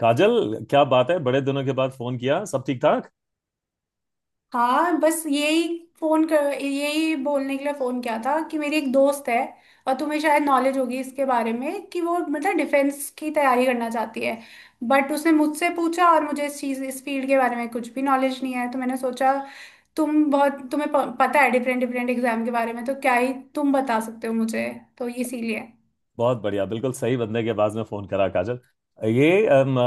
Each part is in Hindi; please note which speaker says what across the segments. Speaker 1: काजल क्या बात है बड़े दिनों के बाद फोन किया सब ठीक ठाक।
Speaker 2: हाँ, बस यही फोन कर यही बोलने के लिए फोन किया था कि मेरी एक दोस्त है और तुम्हें शायद नॉलेज होगी इसके बारे में कि वो मतलब डिफेंस की तैयारी करना चाहती है। बट उसने मुझसे पूछा और मुझे इस चीज़ इस फील्ड के बारे में कुछ भी नॉलेज नहीं है तो मैंने सोचा तुम्हें पता है डिफरेंट डिफरेंट एग्जाम के बारे में, तो क्या ही तुम बता सकते हो मुझे, तो इसीलिए।
Speaker 1: बहुत बढ़िया बिल्कुल सही बंदे के आवाज में फोन करा काजल। ये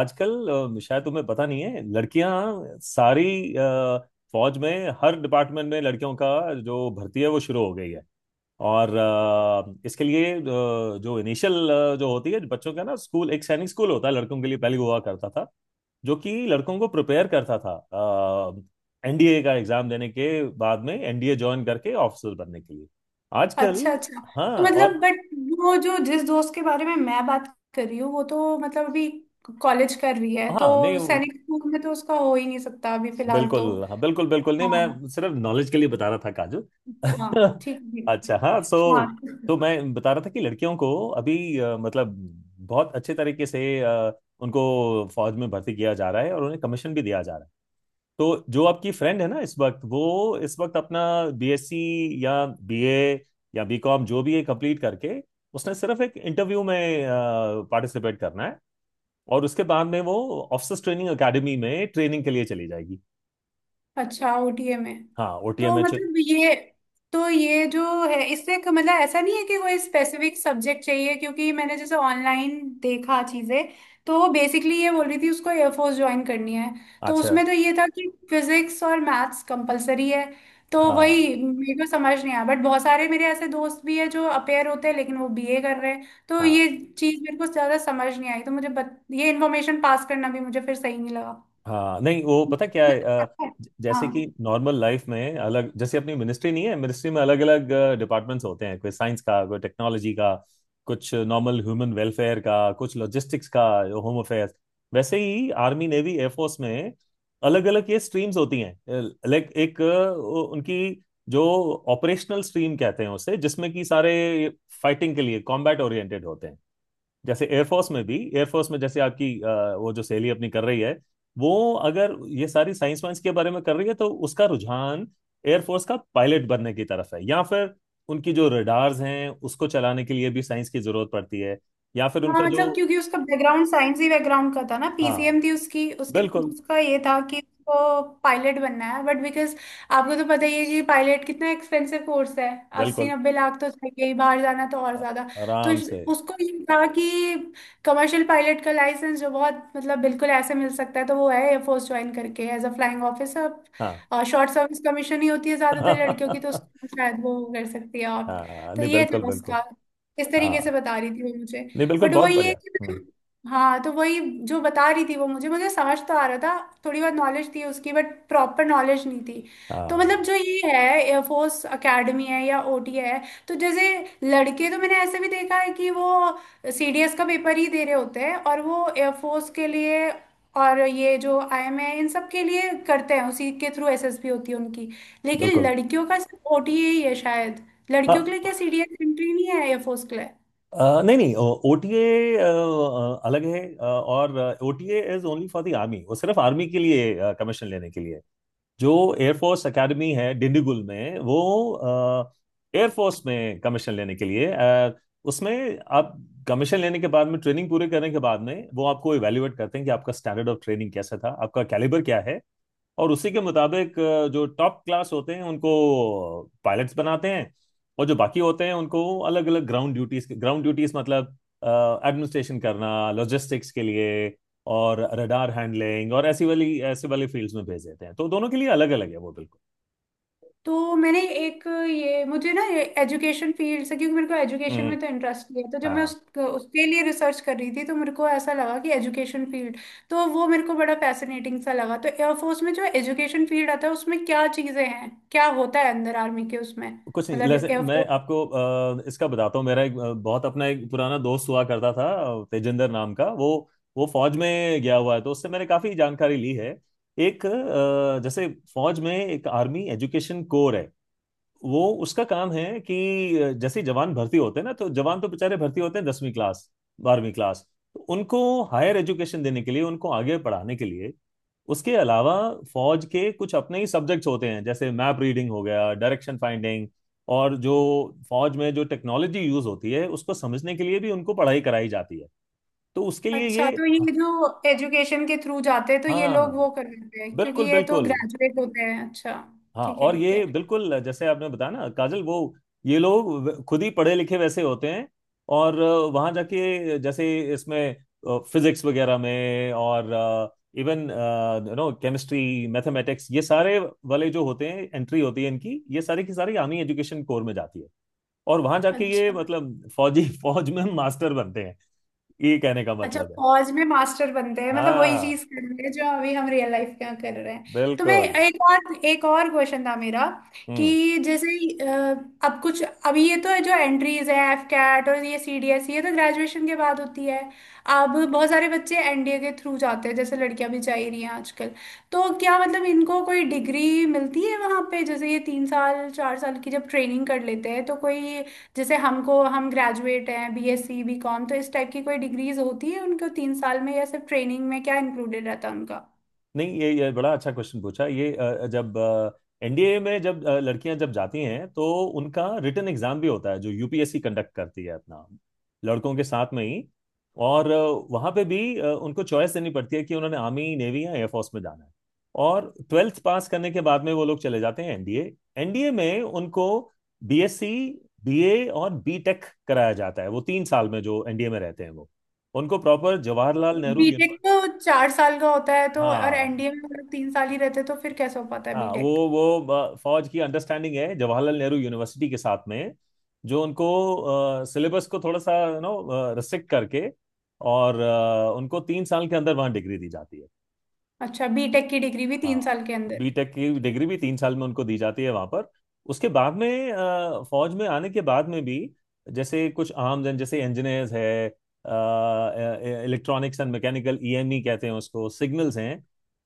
Speaker 1: आजकल शायद तुम्हें पता नहीं है लड़कियां सारी अ, फौज में हर डिपार्टमेंट में लड़कियों का जो भर्ती है वो शुरू हो गई है। और इसके लिए जो इनिशियल जो होती है बच्चों का ना स्कूल एक सैनिक स्कूल होता है लड़कों के लिए पहले हुआ करता था, जो कि लड़कों को प्रिपेयर करता था एनडीए का एग्जाम देने के, बाद में एनडीए ज्वाइन करके ऑफिसर बनने के लिए आजकल।
Speaker 2: अच्छा अच्छा।
Speaker 1: हाँ
Speaker 2: तो मतलब
Speaker 1: और।
Speaker 2: बट वो जो जिस दोस्त के बारे में मैं बात कर रही हूँ वो तो मतलब अभी कॉलेज कर रही है,
Speaker 1: हाँ
Speaker 2: तो
Speaker 1: नहीं,
Speaker 2: सैनिक स्कूल में तो उसका हो ही नहीं सकता अभी फिलहाल तो।
Speaker 1: बिल्कुल हाँ, बिल्कुल बिल्कुल नहीं,
Speaker 2: हाँ
Speaker 1: मैं सिर्फ नॉलेज के लिए बता रहा था काजू।
Speaker 2: हाँ। ठीक ठीक।
Speaker 1: अच्छा हाँ। सो,
Speaker 2: हाँ।
Speaker 1: तो मैं बता रहा था कि लड़कियों को अभी मतलब बहुत अच्छे तरीके से उनको फौज में भर्ती किया जा रहा है और उन्हें कमीशन भी दिया जा रहा है। तो जो आपकी फ्रेंड है ना, इस वक्त वो इस वक्त अपना बीएससी या बीए या बीकॉम जो भी है कंप्लीट करके, उसने सिर्फ एक इंटरव्यू में पार्टिसिपेट करना है और उसके बाद में वो ऑफिसर्स ट्रेनिंग एकेडमी में ट्रेनिंग के लिए चली जाएगी।
Speaker 2: अच्छा, ओटीए में।
Speaker 1: हाँ, ओ टी
Speaker 2: तो
Speaker 1: एम एच।
Speaker 2: मतलब ये, तो ये जो है इससे मतलब ऐसा नहीं है कि कोई स्पेसिफिक सब्जेक्ट चाहिए, क्योंकि मैंने जैसे ऑनलाइन देखा चीजें, तो वो बेसिकली ये बोल रही थी उसको एयरफोर्स ज्वाइन करनी है। तो
Speaker 1: अच्छा,
Speaker 2: उसमें तो ये था कि फिजिक्स और मैथ्स कंपलसरी है, तो
Speaker 1: हाँ,
Speaker 2: वही मेरे को समझ नहीं आया। बट बहुत सारे मेरे ऐसे दोस्त भी हैं जो अपेयर होते हैं लेकिन वो बीए कर रहे हैं, तो
Speaker 1: हाँ।
Speaker 2: ये चीज मेरे को ज्यादा समझ नहीं आई, तो मुझे ये इन्फॉर्मेशन पास करना भी मुझे फिर सही नहीं लगा।
Speaker 1: हाँ नहीं, वो पता क्या है, जैसे कि
Speaker 2: हाँ।
Speaker 1: नॉर्मल लाइफ में अलग, जैसे अपनी मिनिस्ट्री नहीं है, मिनिस्ट्री में अलग अलग डिपार्टमेंट्स होते हैं, कोई साइंस का, कोई टेक्नोलॉजी का, कुछ नॉर्मल ह्यूमन वेलफेयर का, कुछ लॉजिस्टिक्स का, होम अफेयर्स। वैसे ही आर्मी नेवी एयरफोर्स में अलग अलग ये स्ट्रीम्स होती हैं। लाइक एक उनकी जो ऑपरेशनल स्ट्रीम कहते हैं उसे, जिसमें कि सारे फाइटिंग के लिए कॉम्बैट ओरिएंटेड होते हैं। जैसे एयरफोर्स में भी, एयरफोर्स में जैसे आपकी वो जो सहेली अपनी कर रही है, वो अगर ये सारी साइंस वाइंस के बारे में कर रही है तो उसका रुझान एयरफोर्स का पायलट बनने की तरफ है, या फिर उनकी जो रडार्स हैं उसको चलाने के लिए भी साइंस की जरूरत पड़ती है, या फिर
Speaker 2: हाँ
Speaker 1: उनका जो।
Speaker 2: मतलब क्योंकि उसका बैकग्राउंड साइंस ही बैकग्राउंड का था ना,
Speaker 1: हाँ
Speaker 2: पीसीएम थी उसकी। उसके बाद
Speaker 1: बिल्कुल।
Speaker 2: उसका ये था कि उसको पायलट बनना है, बट बिकॉज आपको तो पता ही है कि पायलट कितना एक्सपेंसिव कोर्स है। अस्सी
Speaker 1: बिल्कुल
Speaker 2: नब्बे लाख तो चाहिए ही, बाहर जाना तो और
Speaker 1: अ-
Speaker 2: ज्यादा। तो
Speaker 1: आराम
Speaker 2: इस-
Speaker 1: से।
Speaker 2: उसको ये था कि कमर्शियल पायलट का लाइसेंस जो बहुत मतलब बिल्कुल ऐसे मिल सकता है, तो वो है एयरफोर्स ज्वाइन करके एज अ फ्लाइंग ऑफिसर।
Speaker 1: हाँ।
Speaker 2: और शॉर्ट सर्विस कमीशन ही होती है ज्यादातर लड़कियों की, तो उसको शायद वो कर सकती है आप।
Speaker 1: हाँ,
Speaker 2: तो
Speaker 1: नहीं,
Speaker 2: ये
Speaker 1: बिल्कुल
Speaker 2: था
Speaker 1: बिल्कुल।
Speaker 2: उसका, इस
Speaker 1: हाँ
Speaker 2: तरीके से बता रही थी वो मुझे।
Speaker 1: नहीं, बिल्कुल
Speaker 2: बट
Speaker 1: बहुत
Speaker 2: वही है
Speaker 1: बढ़िया।
Speaker 2: कि, हाँ तो वही जो बता रही थी वो मुझे, मुझे समझ तो आ रहा था, थोड़ी बहुत नॉलेज थी उसकी बट प्रॉपर नॉलेज नहीं थी। तो
Speaker 1: हाँ
Speaker 2: मतलब जो ये है एयरफोर्स एकेडमी है या ओटी है, तो जैसे लड़के तो मैंने ऐसे भी देखा है कि वो सीडीएस का पेपर ही दे रहे होते हैं और वो एयरफोर्स के लिए, और ये जो आईएम है इन सब के लिए करते हैं उसी के थ्रू एसएसबी होती है उनकी। लेकिन
Speaker 1: बिल्कुल।
Speaker 2: लड़कियों का सिर्फ ओटी ही है शायद। लड़कियों के लिए
Speaker 1: हाँ
Speaker 2: क्या सीडीएस एंट्री नहीं है एयरफोर्स के लिए?
Speaker 1: नहीं नहीं। ओटीए अलग है और OTA is only for the army, वो सिर्फ आर्मी के लिए कमीशन लेने के लिए। जो एयरफोर्स एकेडमी है डिंडीगुल में, वो एयरफोर्स में कमीशन लेने के लिए उसमें आप कमीशन लेने के बाद में ट्रेनिंग पूरे करने के बाद में वो आपको इवेल्युएट करते हैं कि आपका स्टैंडर्ड ऑफ ट्रेनिंग कैसा था, आपका कैलिबर क्या है। और उसी के मुताबिक जो टॉप क्लास होते हैं उनको पायलट्स बनाते हैं, और जो बाकी होते हैं उनको अलग अलग ग्राउंड ड्यूटीज, ग्राउंड ड्यूटीज मतलब एडमिनिस्ट्रेशन करना, लॉजिस्टिक्स के लिए और रडार हैंडलिंग और ऐसी वाली ऐसे वाली फील्ड्स में भेज देते हैं। तो दोनों के लिए अलग अलग है वो, बिल्कुल।
Speaker 2: तो मैंने एक, ये मुझे ना ये एजुकेशन फील्ड से, क्योंकि मेरे को एजुकेशन
Speaker 1: हम्म।
Speaker 2: में तो इंटरेस्ट है, तो जब मैं उस
Speaker 1: हाँ,
Speaker 2: उसके लिए रिसर्च कर रही थी तो मेरे को ऐसा लगा कि एजुकेशन फील्ड, तो वो मेरे को बड़ा फैसिनेटिंग सा लगा। तो एयरफोर्स में जो एजुकेशन फील्ड आता है उसमें क्या चीज़ें हैं, क्या होता है अंदर आर्मी के उसमें,
Speaker 1: कुछ नहीं,
Speaker 2: मतलब
Speaker 1: जैसे मैं
Speaker 2: एयरफोर्स।
Speaker 1: आपको इसका बताता हूँ। मेरा एक बहुत अपना एक पुराना दोस्त हुआ करता था तेजिंदर नाम का, वो फौज में गया हुआ है तो उससे मैंने काफी जानकारी ली है। एक जैसे फौज में एक आर्मी एजुकेशन कोर है, वो उसका काम है कि जैसे ही जवान भर्ती होते हैं ना, तो जवान तो बेचारे भर्ती होते हैं 10वीं क्लास, 12वीं क्लास, तो उनको हायर एजुकेशन देने के लिए, उनको आगे पढ़ाने के लिए। उसके अलावा फौज के कुछ अपने ही सब्जेक्ट्स होते हैं, जैसे मैप रीडिंग हो गया, डायरेक्शन फाइंडिंग, और जो फौज में जो टेक्नोलॉजी यूज होती है उसको समझने के लिए भी उनको पढ़ाई कराई जाती है। तो उसके लिए
Speaker 2: अच्छा,
Speaker 1: ये।
Speaker 2: तो ये जो एजुकेशन के थ्रू जाते हैं तो ये
Speaker 1: हाँ
Speaker 2: लोग वो कर लेते हैं क्योंकि
Speaker 1: बिल्कुल
Speaker 2: ये तो
Speaker 1: बिल्कुल।
Speaker 2: ग्रेजुएट होते हैं, अच्छा।
Speaker 1: हाँ,
Speaker 2: ठीक है
Speaker 1: और
Speaker 2: ठीक
Speaker 1: ये
Speaker 2: है।
Speaker 1: बिल्कुल जैसे आपने बताया ना काजल, वो ये लोग खुद ही पढ़े लिखे वैसे होते हैं, और वहां जाके जैसे इसमें फिजिक्स वगैरह में और इवन केमिस्ट्री मैथमेटिक्स ये सारे वाले जो होते हैं एंट्री होती है इनकी, ये सारी की सारी आर्मी एजुकेशन कोर में जाती है, और वहां जाके ये
Speaker 2: अच्छा
Speaker 1: मतलब फौजी फौज में मास्टर बनते हैं, ये कहने का
Speaker 2: अच्छा,
Speaker 1: मतलब है।
Speaker 2: पॉज में मास्टर बनते हैं मतलब वही
Speaker 1: हाँ
Speaker 2: चीज कर रहे हैं जो अभी हम रियल लाइफ में कर रहे हैं। तो मैं,
Speaker 1: बिल्कुल।
Speaker 2: एक और क्वेश्चन था मेरा,
Speaker 1: हम्म।
Speaker 2: कि जैसे अ, अब कुछ अभी ये तो जो एंट्रीज है एफ कैट और ये सी डी एस ये तो ग्रेजुएशन के बाद होती है। अब बहुत सारे बच्चे एनडीए के थ्रू जाते हैं, जैसे लड़कियां भी जा ही रही हैं आजकल। तो क्या मतलब इनको कोई डिग्री मिलती है वहां पे, जैसे ये 3 साल 4 साल की जब ट्रेनिंग कर लेते हैं तो कोई, जैसे हमको, हम ग्रेजुएट हैं बीएससी बीकॉम, तो इस टाइप की कोई डिग्रीज होती है उनको 3 साल में, या सिर्फ ट्रेनिंग में क्या इंक्लूडेड रहता है उनका?
Speaker 1: नहीं ये बड़ा अच्छा क्वेश्चन पूछा। ये जब एनडीए में जब लड़कियां जब जाती हैं तो उनका रिटन एग्जाम भी होता है जो यूपीएससी कंडक्ट करती है, अपना लड़कों के साथ में ही। और वहां पे भी उनको चॉइस देनी पड़ती है कि उन्होंने आर्मी नेवी या एयरफोर्स में जाना है, और ट्वेल्थ पास करने के बाद में वो लोग चले जाते हैं एनडीए। एनडीए में उनको बीएससी, बीए और बीटेक कराया जाता है वो 3 साल में। जो एनडीए में रहते हैं वो उनको proper Jawaharlal Nehru
Speaker 2: BTech
Speaker 1: university.
Speaker 2: तो 4 साल का होता है तो, और
Speaker 1: हाँ।
Speaker 2: एनडीए में हम लोग 3 साल ही रहते, तो फिर कैसे हो पाता है
Speaker 1: हाँ
Speaker 2: बीटेक?
Speaker 1: वो फौज की अंडरस्टैंडिंग है जवाहरलाल नेहरू यूनिवर्सिटी के साथ में, जो उनको सिलेबस को थोड़ा सा रिस्ट्रिक्ट करके और उनको 3 साल के अंदर वहाँ डिग्री दी जाती है।
Speaker 2: अच्छा, बीटेक की डिग्री भी
Speaker 1: हाँ,
Speaker 2: 3 साल के अंदर।
Speaker 1: बीटेक की
Speaker 2: ठीक।
Speaker 1: डिग्री भी 3 साल में उनको दी जाती है वहां पर। उसके बाद में फौज में आने के बाद में भी जैसे कुछ आम जन, जैसे इंजीनियर्स है, इलेक्ट्रॉनिक्स एंड मैकेनिकल ईएमई कहते हैं उसको, सिग्नल्स हैं,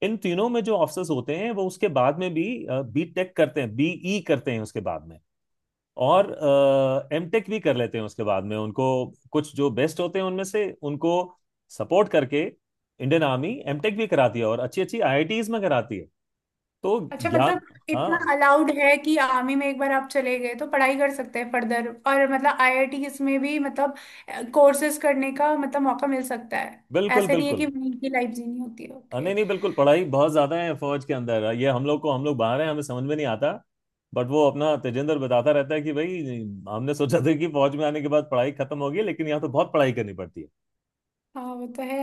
Speaker 1: इन तीनों में जो ऑफिसर्स होते हैं वो उसके बाद में भी बीटेक करते हैं, बीई करते हैं उसके बाद में, और एमटेक भी कर लेते हैं। उसके बाद में उनको कुछ जो बेस्ट होते हैं उनमें से उनको सपोर्ट करके इंडियन आर्मी एमटेक भी कराती है, और अच्छी अच्छी आईआईटीज में कराती है। तो
Speaker 2: अच्छा
Speaker 1: ज्ञान।
Speaker 2: मतलब इतना
Speaker 1: हाँ
Speaker 2: अलाउड है कि आर्मी में एक बार आप चले गए तो पढ़ाई कर सकते हैं फर्दर, और मतलब आईआईटीज में भी मतलब कोर्सेज करने का मतलब मौका मिल सकता है,
Speaker 1: बिल्कुल
Speaker 2: ऐसे नहीं है कि
Speaker 1: बिल्कुल।
Speaker 2: वहीं की लाइफ जीनी होती है,
Speaker 1: हाँ,
Speaker 2: ओके।
Speaker 1: नहीं नहीं बिल्कुल, पढ़ाई बहुत ज्यादा है फौज के अंदर, ये हम लोग को, हम लोग बाहर हैं हमें समझ में नहीं आता, बट वो अपना तेजेंद्र बताता रहता है कि भाई, हमने सोचा था कि फौज में आने के बाद पढ़ाई खत्म होगी, लेकिन यहाँ तो बहुत पढ़ाई करनी पड़ती है।
Speaker 2: हाँ वो तो है,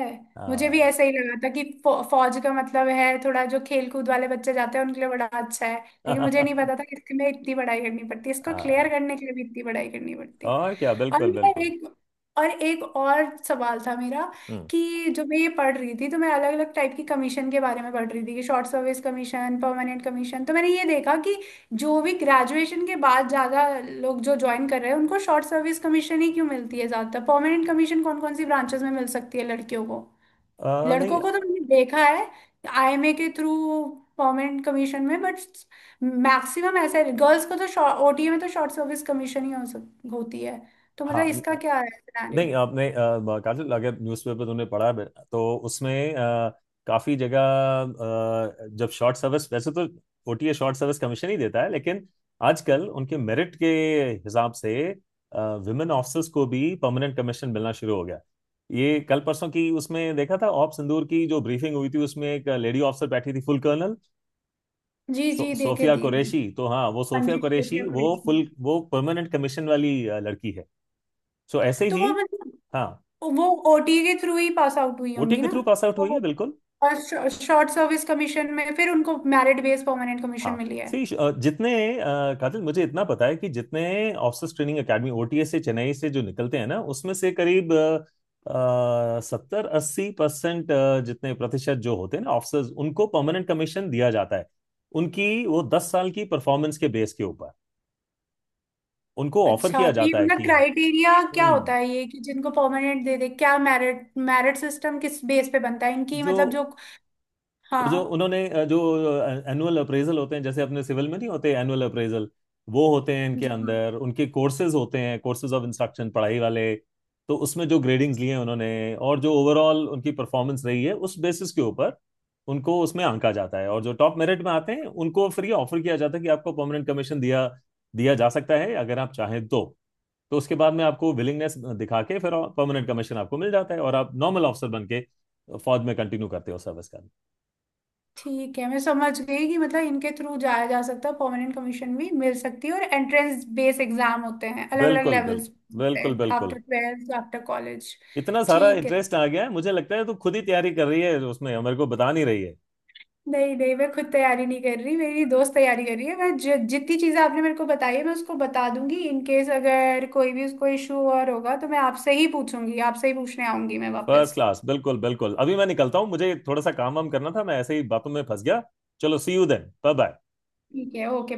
Speaker 2: मुझे भी
Speaker 1: हाँ।
Speaker 2: ऐसा ही लगा था कि फौज का मतलब है थोड़ा जो खेल कूद वाले बच्चे जाते हैं उनके लिए बड़ा अच्छा है, लेकिन मुझे नहीं पता था कि इसमें इतनी पढ़ाई करनी पड़ती है, इसको क्लियर
Speaker 1: हाँ
Speaker 2: करने के लिए भी इतनी पढ़ाई करनी पड़ती है।
Speaker 1: और क्या,
Speaker 2: और
Speaker 1: बिल्कुल
Speaker 2: मेरा
Speaker 1: बिल्कुल।
Speaker 2: एक, और एक और सवाल था मेरा
Speaker 1: हम्म
Speaker 2: कि जो मैं ये पढ़ रही थी, तो मैं अलग अलग टाइप की कमीशन के बारे में पढ़ रही थी कि short service commission, permanent commission. तो मैंने ये देखा कि जो भी ग्रेजुएशन के बाद ज़्यादा लोग जो ज्वाइन कर रहे हैं उनको शॉर्ट सर्विस कमीशन ही क्यों मिलती है ज़्यादातर, परमानेंट कमीशन कौन कौन सी ब्रांचेस में मिल सकती है लड़कियों को?
Speaker 1: नहीं,
Speaker 2: लड़कों को तो मैंने देखा है आईएमए के थ्रू परमानेंट कमीशन में, बट मैक्सिमम ऐसा है गर्ल्स को तो ओटीए में तो शॉर्ट सर्विस कमीशन ही होती है। तो मतलब
Speaker 1: हाँ
Speaker 2: इसका क्या है सिनेरियो?
Speaker 1: नहीं, आपने कातिल अगर न्यूज़पेपर तुमने पढ़ा है तो उसमें काफी जगह जब शॉर्ट सर्विस, वैसे तो ओटीए शॉर्ट सर्विस कमीशन ही देता है, लेकिन आजकल उनके मेरिट के हिसाब से विमेन ऑफिसर्स को भी परमानेंट कमीशन मिलना शुरू हो गया। ये कल परसों की उसमें देखा था, ऑप सिंदूर की जो ब्रीफिंग हुई थी उसमें एक लेडी ऑफिसर बैठी थी, फुल कर्नल,
Speaker 2: जी जी देखे
Speaker 1: सोफिया
Speaker 2: थी।
Speaker 1: कुरैशी। तो हाँ, वो सोफिया
Speaker 2: अंजी
Speaker 1: कुरैशी
Speaker 2: खुफिया
Speaker 1: वो
Speaker 2: कुरैशी।
Speaker 1: फुल वो परमानेंट कमीशन वाली लड़की है। सो ऐसे
Speaker 2: तो
Speaker 1: ही।
Speaker 2: वो मतलब
Speaker 1: हाँ,
Speaker 2: वो ओटीए के थ्रू ही पास आउट हुई
Speaker 1: ओटी
Speaker 2: होंगी
Speaker 1: के
Speaker 2: ना?
Speaker 1: थ्रू पास आउट हुई
Speaker 2: तो,
Speaker 1: है बिल्कुल।
Speaker 2: और शॉर्ट सर्विस कमीशन में फिर उनको मेरिट बेस्ड परमानेंट कमीशन
Speaker 1: हाँ
Speaker 2: मिली है।
Speaker 1: सही। जितने अ, कातिल मुझे इतना पता है कि जितने ऑफिसर्स ट्रेनिंग एकेडमी ओटीए से, चेन्नई से जो निकलते हैं ना, उसमें से करीब 70-80%, जितने प्रतिशत जो होते हैं ना ऑफिसर्स, उनको परमानेंट कमीशन दिया जाता है, उनकी वो 10 साल की परफॉर्मेंस के बेस के ऊपर उनको ऑफर
Speaker 2: अच्छा,
Speaker 1: किया
Speaker 2: तो ये
Speaker 1: जाता है
Speaker 2: मतलब
Speaker 1: कि।
Speaker 2: क्राइटेरिया क्या
Speaker 1: हम्म
Speaker 2: होता है ये कि जिनको परमानेंट दे दे, क्या मेरिट, मेरिट सिस्टम किस बेस पे बनता है इनकी,
Speaker 1: जो
Speaker 2: मतलब जो।
Speaker 1: वो, जो
Speaker 2: हाँ।
Speaker 1: उन्होंने जो एनुअल अप्रेजल होते हैं, जैसे अपने सिविल में नहीं होते एनुअल अप्रेजल, वो होते हैं इनके
Speaker 2: जी हाँ।
Speaker 1: अंदर, उनके कोर्सेज होते हैं, कोर्सेज ऑफ इंस्ट्रक्शन पढ़ाई वाले, तो उसमें जो ग्रेडिंग्स लिए हैं उन्होंने और जो ओवरऑल उनकी परफॉर्मेंस रही है उस बेसिस के ऊपर उनको उसमें आंका जाता है, और जो टॉप मेरिट में आते हैं उनको फिर ये ऑफर किया जाता है कि आपको परमानेंट कमीशन दिया दिया जा सकता है अगर आप चाहें तो। तो उसके बाद में आपको विलिंगनेस दिखा के फिर परमानेंट कमीशन आपको मिल जाता है और आप नॉर्मल ऑफिसर बन के फौज में कंटिन्यू करते हो सर्विस का।
Speaker 2: ठीक है, मैं समझ गई कि मतलब इनके थ्रू जाया जा सकता है, परमानेंट कमीशन भी मिल सकती है और एंट्रेंस बेस एग्जाम होते हैं, अलग अलग
Speaker 1: बिल्कुल बिल्कुल,
Speaker 2: लेवल्स होते
Speaker 1: बिल्कुल
Speaker 2: हैं आफ्टर
Speaker 1: बिल्कुल।
Speaker 2: Twelfth after college.
Speaker 1: इतना सारा
Speaker 2: ठीक है,
Speaker 1: इंटरेस्ट आ गया है, मुझे लगता है तू खुद ही तैयारी कर रही है उसमें, मेरे को बता नहीं रही है।
Speaker 2: नहीं नहीं मैं खुद तैयारी नहीं कर रही, मेरी दोस्त तैयारी कर रही है। मैं जितनी चीजें आपने मेरे को बताई है मैं उसको बता दूंगी, इन केस अगर कोई भी उसको इशू और होगा तो मैं आपसे ही पूछूंगी, आपसे ही पूछने आऊंगी मैं
Speaker 1: फर्स्ट
Speaker 2: वापस।
Speaker 1: क्लास, बिल्कुल बिल्कुल। अभी मैं निकलता हूँ, मुझे थोड़ा सा काम वाम करना था, मैं ऐसे ही बातों में फंस गया। चलो, see you then, bye bye.
Speaker 2: ठीक है ओके।